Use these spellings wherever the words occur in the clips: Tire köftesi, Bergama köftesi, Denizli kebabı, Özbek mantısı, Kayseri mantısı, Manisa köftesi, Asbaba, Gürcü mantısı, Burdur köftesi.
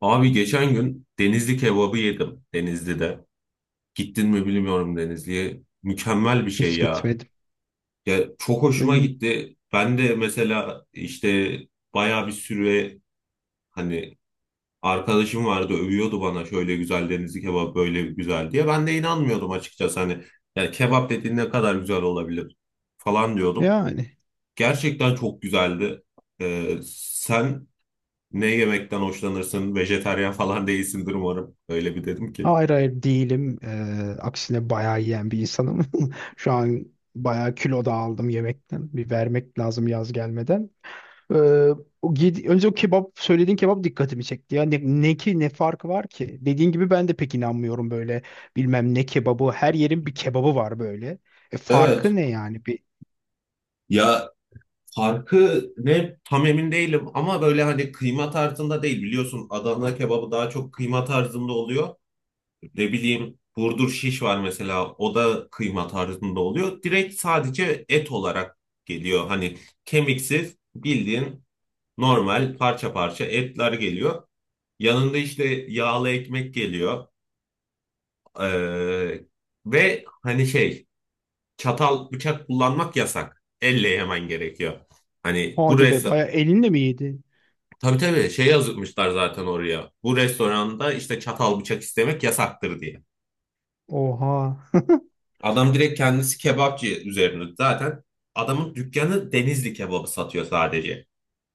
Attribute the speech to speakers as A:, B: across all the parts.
A: Abi geçen gün Denizli kebabı yedim Denizli'de. Gittin mi bilmiyorum Denizli'ye. Mükemmel bir şey
B: Hiç
A: ya.
B: gitmedim.
A: Ya çok hoşuma
B: N-
A: gitti. Ben de mesela işte bayağı bir süre hani arkadaşım vardı övüyordu bana şöyle güzel Denizli kebabı böyle güzel diye. Ben de inanmıyordum açıkçası hani yani kebap dediğin ne kadar güzel olabilir falan diyordum.
B: Yani
A: Gerçekten çok güzeldi. Sen ne yemekten hoşlanırsın? Vejetaryen falan değilsindir umarım. Öyle bir dedim ki.
B: hayır, değilim. Aksine bayağı yiyen bir insanım. Şu an bayağı kilo da aldım yemekten. Bir vermek lazım yaz gelmeden. Ee, Önce o kebap, söylediğin kebap dikkatimi çekti. Ya ne ki, ne farkı var ki? Dediğin gibi ben de pek inanmıyorum böyle bilmem ne kebabı. Her yerin bir kebabı var böyle. E,
A: Evet.
B: farkı ne yani? Bir,
A: Ya farkı ne tam emin değilim ama böyle hani kıyma tarzında değil biliyorsun Adana kebabı daha çok kıyma tarzında oluyor. Ne bileyim Burdur şiş var mesela o da kıyma tarzında oluyor. Direkt sadece et olarak geliyor. Hani kemiksiz bildiğin normal parça parça etler geliyor. Yanında işte yağlı ekmek geliyor. Ee, ve hani şey çatal bıçak kullanmak yasak. Elle yemen gerekiyor. Hani bu
B: hadi be,
A: restoran
B: bayağı elinle mi yedin?
A: tabii tabii şey yazmışlar zaten oraya. Bu restoranda işte çatal bıçak istemek yasaktır diye.
B: Oha.
A: Adam direkt kendisi kebapçı üzerine zaten adamın dükkanı Denizli kebabı satıyor sadece.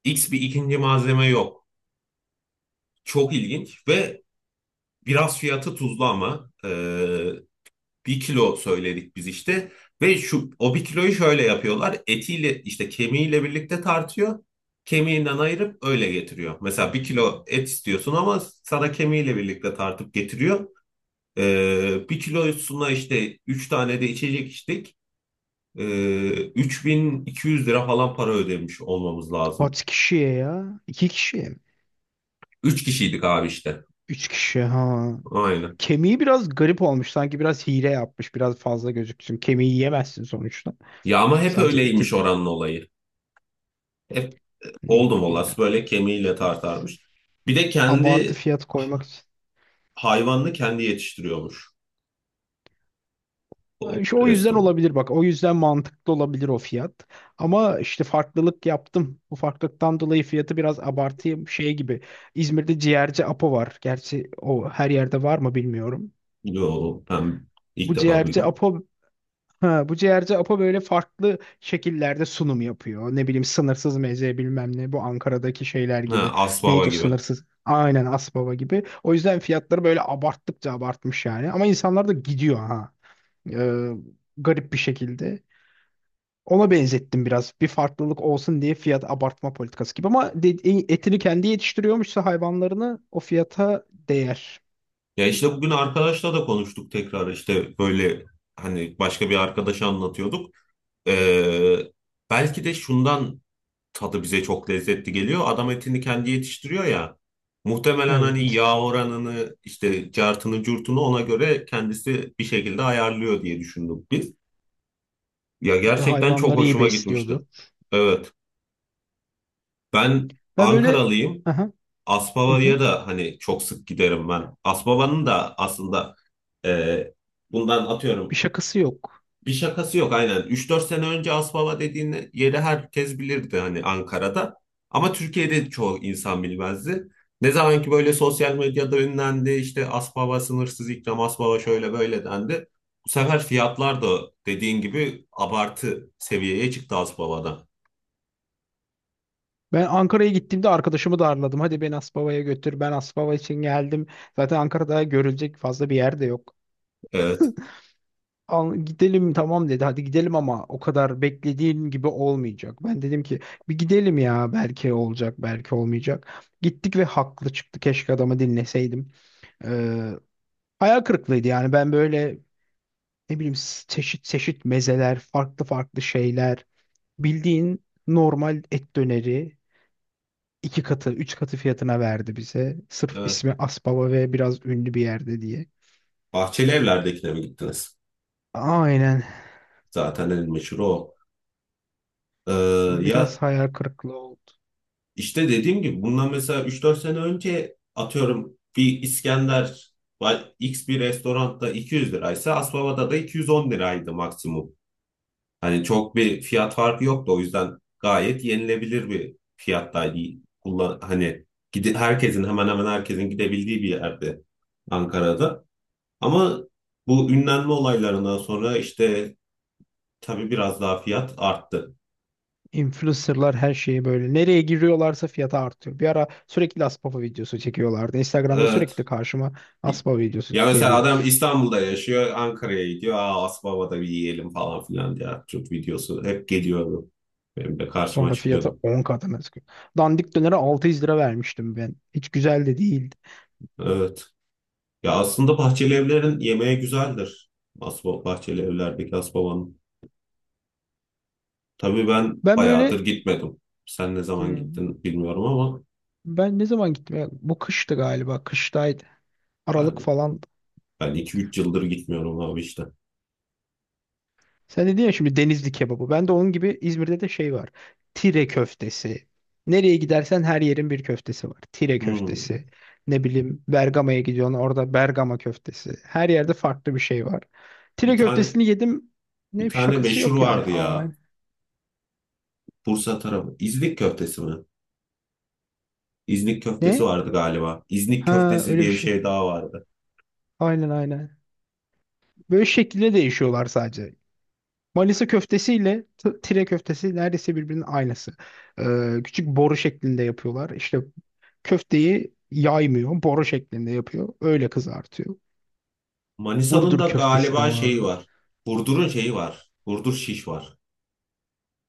A: X bir ikinci malzeme yok. Çok ilginç ve biraz fiyatı tuzlu ama bir kilo söyledik biz işte. Ve şu o bir kiloyu şöyle yapıyorlar. Etiyle işte kemiğiyle birlikte tartıyor. Kemiğinden ayırıp öyle getiriyor. Mesela bir kilo et istiyorsun ama sana kemiğiyle birlikte tartıp getiriyor. Bir kilosuna işte 3 tane de içecek içtik. 3.200 lira falan para ödemiş olmamız lazım.
B: Kaç kişiye ya? İki kişiye mi?
A: 3 kişiydik abi işte.
B: Üç kişi ha.
A: Aynen.
B: Kemiği biraz garip olmuş. Sanki biraz hile yapmış. Biraz fazla gözüksün. Kemiği yiyemezsin sonuçta.
A: Ya ama hep
B: Sadece
A: öyleymiş
B: etin,
A: oranın olayı. Hep
B: ne
A: oldum
B: bileyim ya.
A: olası böyle kemiğiyle tartarmış. Bir de
B: Abartı
A: kendi
B: fiyat koymak için.
A: hayvanını kendi yetiştiriyormuş o
B: İşte o yüzden
A: restoran.
B: olabilir bak. O yüzden mantıklı olabilir o fiyat. Ama işte farklılık yaptım. Bu farklılıktan dolayı fiyatı biraz abartayım. Şey gibi. İzmir'de ciğerci Apo var. Gerçi o her yerde var mı bilmiyorum.
A: Yo, ben ilk
B: Bu
A: defa
B: ciğerci
A: duydum.
B: Apo, ha, bu ciğerci Apo böyle farklı şekillerde sunum yapıyor. Ne bileyim sınırsız meze, bilmem ne, bu Ankara'daki şeyler
A: Ha,
B: gibi.
A: Asbaba
B: Neydi o
A: gibi.
B: sınırsız? Aynen Asbaba gibi. O yüzden fiyatları böyle abarttıkça abartmış yani. Ama insanlar da gidiyor ha. Ee, Garip bir şekilde. Ona benzettim biraz. Bir farklılık olsun diye fiyat abartma politikası gibi. Ama etini kendi yetiştiriyormuşsa hayvanlarını o fiyata değer.
A: Ya işte bugün arkadaşla da konuştuk tekrar işte böyle hani başka bir arkadaşa anlatıyorduk. Ee, belki de şundan tadı bize çok lezzetli geliyor. Adam etini kendi yetiştiriyor ya. Muhtemelen hani
B: Evet.
A: yağ oranını işte cartını curtunu ona göre kendisi bir şekilde ayarlıyor diye düşündük biz. Ya
B: Ya da
A: gerçekten çok
B: hayvanları iyi
A: hoşuma gitmişti.
B: besliyordu.
A: Evet. Ben
B: Ben böyle...
A: Ankaralıyım.
B: Aha. Hı hı.
A: Aspava'ya da hani çok sık giderim ben. Aspava'nın da aslında e, bundan
B: Bir
A: atıyorum
B: şakası yok.
A: bir şakası yok aynen. Üç dört sene önce Aspava dediğin yeri herkes bilirdi hani Ankara'da. Ama Türkiye'de çoğu insan bilmezdi. Ne zaman ki böyle sosyal medyada ünlendi işte Aspava sınırsız ikram, Aspava şöyle böyle dendi. Bu sefer fiyatlar da dediğin gibi abartı seviyeye çıktı Aspava'da.
B: Ben Ankara'ya gittiğimde arkadaşımı darladım. Hadi beni Asbaba'ya götür. Ben Asbaba için geldim. Zaten Ankara'da görülecek fazla bir yer de yok.
A: Evet,
B: Al, gidelim tamam dedi. Hadi gidelim ama o kadar beklediğin gibi olmayacak. Ben dedim ki bir gidelim ya, belki olacak belki olmayacak. Gittik ve haklı çıktı. Keşke adamı dinleseydim. Ee, Hayal kırıklığıydı yani. Ben böyle, ne bileyim çeşit çeşit mezeler, farklı farklı şeyler. Bildiğin normal et döneri iki katı, üç katı fiyatına verdi bize. Sırf
A: evet.
B: ismi Aspava ve biraz ünlü bir yerde diye.
A: Bahçeli Evler'dekine mi gittiniz?
B: Aynen.
A: Zaten el meşhur o. Ee,
B: Bu biraz
A: ya
B: hayal kırıklığı oldu.
A: işte dediğim gibi bundan mesela üç dört sene önce atıyorum bir İskender X bir restoranda 200 liraysa Asbaba'da da 210 liraydı maksimum. Hani çok bir fiyat farkı yoktu o yüzden gayet yenilebilir bir fiyattaydı. Kullan hani gidi herkesin hemen hemen herkesin gidebildiği bir yerde Ankara'da. Ama bu ünlenme olaylarından sonra işte tabii biraz daha fiyat arttı.
B: Influencerlar her şeyi böyle. Nereye giriyorlarsa fiyatı artıyor. Bir ara sürekli Aspava videosu çekiyorlardı. Instagram'da
A: Ee,
B: sürekli karşıma Aspava videosu
A: Ya mesela
B: geliyordu.
A: adam İstanbul'da yaşıyor, Ankara'ya gidiyor. Aa Asbaba'da bir yiyelim falan filan diye. Çok videosu hep geliyordu. Benim de karşıma
B: Sonra fiyatı
A: çıkıyordu.
B: 10 katına çıkıyor. Dandik dönere 600 lira vermiştim ben. Hiç güzel de değildi.
A: Evet. Ya aslında bahçeli evlerin yemeği güzeldir. Asbaba, bahçeli evlerdeki Asbaba'nın. Tabii ben
B: Ben
A: bayağıdır
B: böyle,
A: gitmedim. Sen ne zaman
B: hmm,
A: gittin bilmiyorum ama
B: ben ne zaman gittim? Ya, bu kıştı galiba. Kıştaydı. Aralık
A: ben
B: falan.
A: ben iki üç yıldır gitmiyorum abi işte.
B: Sen dedin ya şimdi Denizli kebabı. Ben de onun gibi İzmir'de de şey var. Tire köftesi. Nereye gidersen her yerin bir köftesi var. Tire
A: Hmm.
B: köftesi. Ne bileyim Bergama'ya gidiyorsun, orada Bergama köftesi. Her yerde farklı bir şey var.
A: Bir
B: Tire
A: tane
B: köftesini yedim.
A: bir
B: Ne
A: tane
B: şakası
A: meşhur
B: yok yani.
A: vardı
B: Aa,
A: ya. Bursa tarafı. İznik köftesi mi? İznik köftesi
B: ne?
A: vardı galiba. İznik
B: Ha,
A: köftesi
B: öyle bir
A: diye bir
B: şey.
A: şey daha vardı.
B: Aynen. böyle şekilde değişiyorlar sadece. Manisa köftesiyle tire köftesi neredeyse birbirinin aynısı. Küçük boru şeklinde yapıyorlar. İşte köfteyi yaymıyor, boru şeklinde yapıyor. Öyle kızartıyor.
A: Manisa'nın
B: Burdur
A: da
B: köftesi de
A: galiba şeyi
B: vardı.
A: var. Burdur'un şeyi var. Burdur şiş var.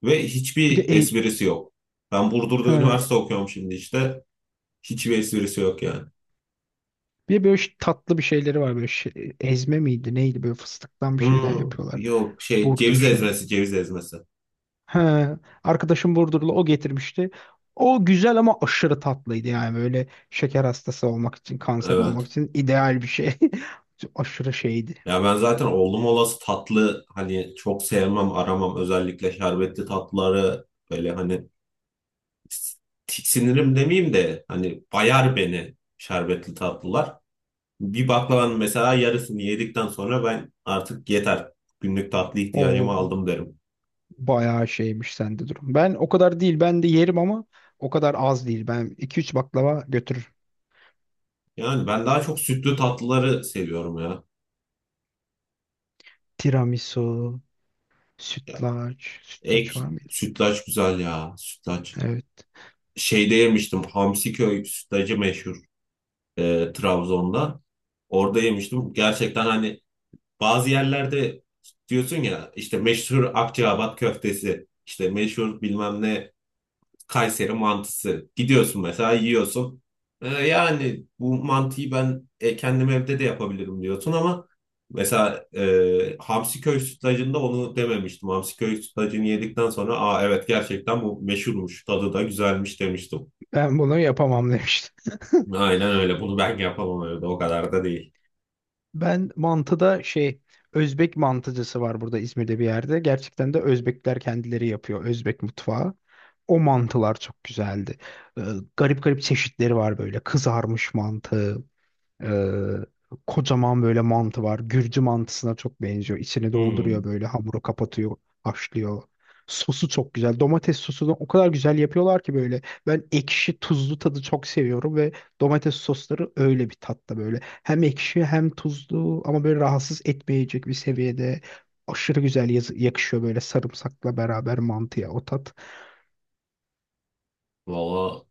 A: Ve
B: Bir de
A: hiçbir
B: e-
A: esprisi yok. Ben Burdur'da
B: ha,
A: üniversite okuyorum şimdi işte. Hiçbir esprisi yok yani.
B: bir de böyle tatlı bir şeyleri var böyle ezme miydi neydi, böyle fıstıktan bir şeyler
A: Hmm,
B: yapıyorlar.
A: yok şey
B: Burdur
A: ceviz
B: şey.
A: ezmesi ceviz ezmesi.
B: He, arkadaşım Burdurlu, o getirmişti. O güzel ama aşırı tatlıydı yani, böyle şeker hastası olmak için, kanser olmak
A: Evet.
B: için ideal bir şey. Aşırı şeydi.
A: Ya ben zaten oğlum olası tatlı hani çok sevmem aramam özellikle şerbetli tatlıları böyle hani tiksinirim demeyeyim de hani bayar beni şerbetli tatlılar. Bir baklavanın mesela yarısını yedikten sonra ben artık yeter günlük tatlı ihtiyacımı
B: O
A: aldım derim.
B: bayağı şeymiş sende durum. Ben o kadar değil. Ben de yerim ama o kadar az değil. Ben iki üç baklava götürürüm.
A: Yani ben daha çok sütlü tatlıları seviyorum ya.
B: Tiramisu,
A: Ya
B: sütlaç. Sütlaç
A: Ek
B: var mıydı?
A: sütlaç güzel ya sütlaç.
B: Evet.
A: Şeyde yemiştim Hamsiköy sütlacı meşhur. Trabzon'da. Orada yemiştim. Gerçekten hani bazı yerlerde diyorsun ya işte meşhur Akçaabat köftesi, işte meşhur bilmem ne Kayseri mantısı. Gidiyorsun mesela yiyorsun. E, yani bu mantıyı ben kendim evde de yapabilirim diyorsun ama mesela hamsi köy sütlacında onu dememiştim. Hamsi köy sütlacını yedikten sonra aa evet gerçekten bu meşhurmuş, tadı da güzelmiş demiştim.
B: Ben bunu yapamam demiştim.
A: Aynen öyle. Bunu ben yapamam evde. O kadar da değil.
B: Ben mantıda şey, Özbek mantıcısı var burada İzmir'de bir yerde. Gerçekten de Özbekler kendileri yapıyor, Özbek mutfağı. O mantılar çok güzeldi. Ee, Garip garip çeşitleri var böyle. Kızarmış mantı, ee, kocaman böyle mantı var. Gürcü mantısına çok benziyor. İçini
A: Hmm.
B: dolduruyor, böyle hamuru kapatıyor, haşlıyor. Sosu çok güzel. Domates sosunu o kadar güzel yapıyorlar ki böyle. Ben ekşi tuzlu tadı çok seviyorum ve domates sosları öyle bir tatta böyle. Hem ekşi hem tuzlu ama böyle rahatsız etmeyecek bir seviyede. Aşırı güzel yakışıyor böyle sarımsakla beraber mantıya o tat.
A: Valla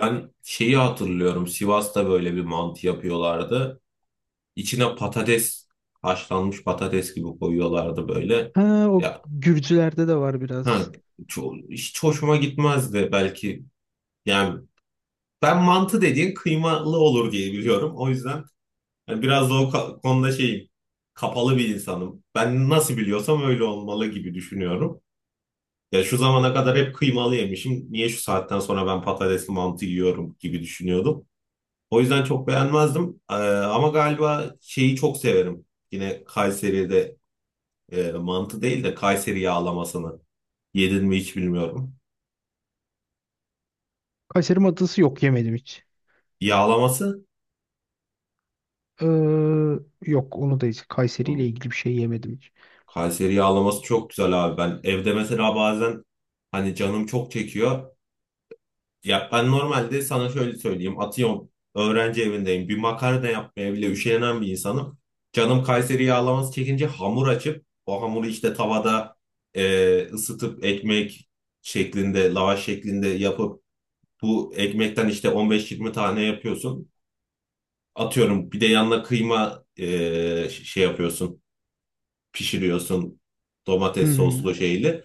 A: ben şeyi hatırlıyorum. Sivas'ta böyle bir mantı yapıyorlardı. İçine patates, haşlanmış patates gibi koyuyorlardı böyle.
B: Ha, o
A: Ya
B: Gürcülerde de var
A: ha,
B: biraz.
A: hiç hoşuma gitmezdi belki. Yani ben mantı dediğin kıymalı olur diye biliyorum. O yüzden yani biraz da o konuda şeyim. Kapalı bir insanım. Ben nasıl biliyorsam öyle olmalı gibi düşünüyorum. Ya şu zamana kadar hep kıymalı yemişim. Niye şu saatten sonra ben patatesli mantı yiyorum gibi düşünüyordum. O yüzden çok beğenmezdim. Ama galiba şeyi çok severim. Yine Kayseri'de mantı değil de Kayseri yağlamasını. Yedin mi hiç bilmiyorum.
B: Kayseri mantısı, yok yemedim hiç.
A: Yağlaması?
B: Ee, Yok, onu da hiç, Kayseri ile
A: Oğlum,
B: ilgili bir şey yemedim hiç.
A: Kayseri yağlaması çok güzel abi. Ben evde mesela bazen hani canım çok çekiyor. Ya ben normalde sana şöyle söyleyeyim. Atıyorum öğrenci evindeyim. Bir makarna yapmaya bile üşenen bir insanım. Canım Kayseri yağlaması çekince hamur açıp o hamuru işte tavada ısıtıp ekmek şeklinde, lavaş şeklinde yapıp bu ekmekten işte 15-20 tane yapıyorsun. Atıyorum bir de yanına kıyma şey yapıyorsun, pişiriyorsun domates
B: Hmm,
A: soslu şeyli.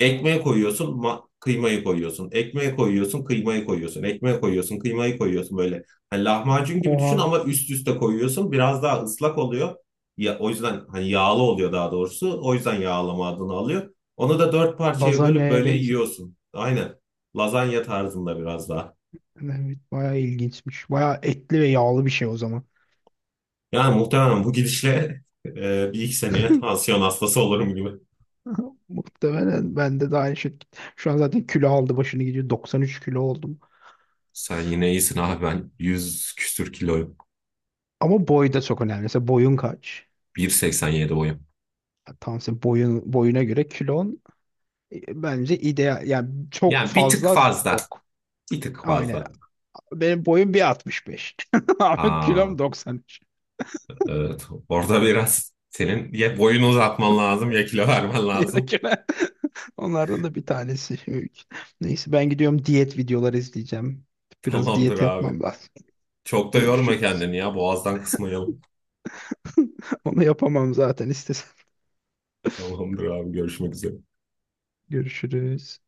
A: Ekmeğe koyuyorsun, kıymayı koyuyorsun. Ekmeğe koyuyorsun, kıymayı koyuyorsun. Ekmeğe koyuyorsun, kıymayı koyuyorsun böyle. Hani lahmacun gibi düşün
B: oha,
A: ama üst üste koyuyorsun. Biraz daha ıslak oluyor. Ya, o yüzden hani yağlı oluyor daha doğrusu. O yüzden yağlama adını alıyor. Onu da dört parçaya bölüp
B: lazanyaya
A: böyle
B: benzi.
A: yiyorsun. Aynen. Lazanya tarzında biraz daha.
B: Evet bayağı ilginçmiş. Bayağı etli ve yağlı bir şey o zaman.
A: Yani muhtemelen bu gidişle bir iki seneye tansiyon hastası olurum gibi.
B: Muhtemelen bende de aynı şey. Şu an zaten kilo aldı başını gidiyor. 93 kilo oldum.
A: Sen yine iyisin abi ben 100 küsür kiloyum.
B: Ama boy da çok önemli. Mesela boyun kaç?
A: 1,87 boyum.
B: Ya tam senin boyun, boyuna göre kilon, bence ideal. Yani çok
A: Yani bir tık
B: fazla
A: fazla.
B: yok.
A: Bir tık
B: Aynen.
A: fazla.
B: Benim boyum 1.65. Ama
A: Aa,
B: kilom 93.
A: evet. Orada biraz senin ya boyunu uzatman lazım ya kilo vermen
B: Ya da
A: lazım.
B: kilo. Onlardan da bir tanesi. Neyse ben gidiyorum, diyet videoları izleyeceğim. Biraz
A: Tamamdır
B: diyet
A: abi.
B: yapmam lazım.
A: Çok da yorma
B: Görüşürüz.
A: kendini ya. Boğazdan kısmayalım.
B: Onu yapamam zaten istesem.
A: Tamamdır abi. Görüşmek üzere.
B: Görüşürüz.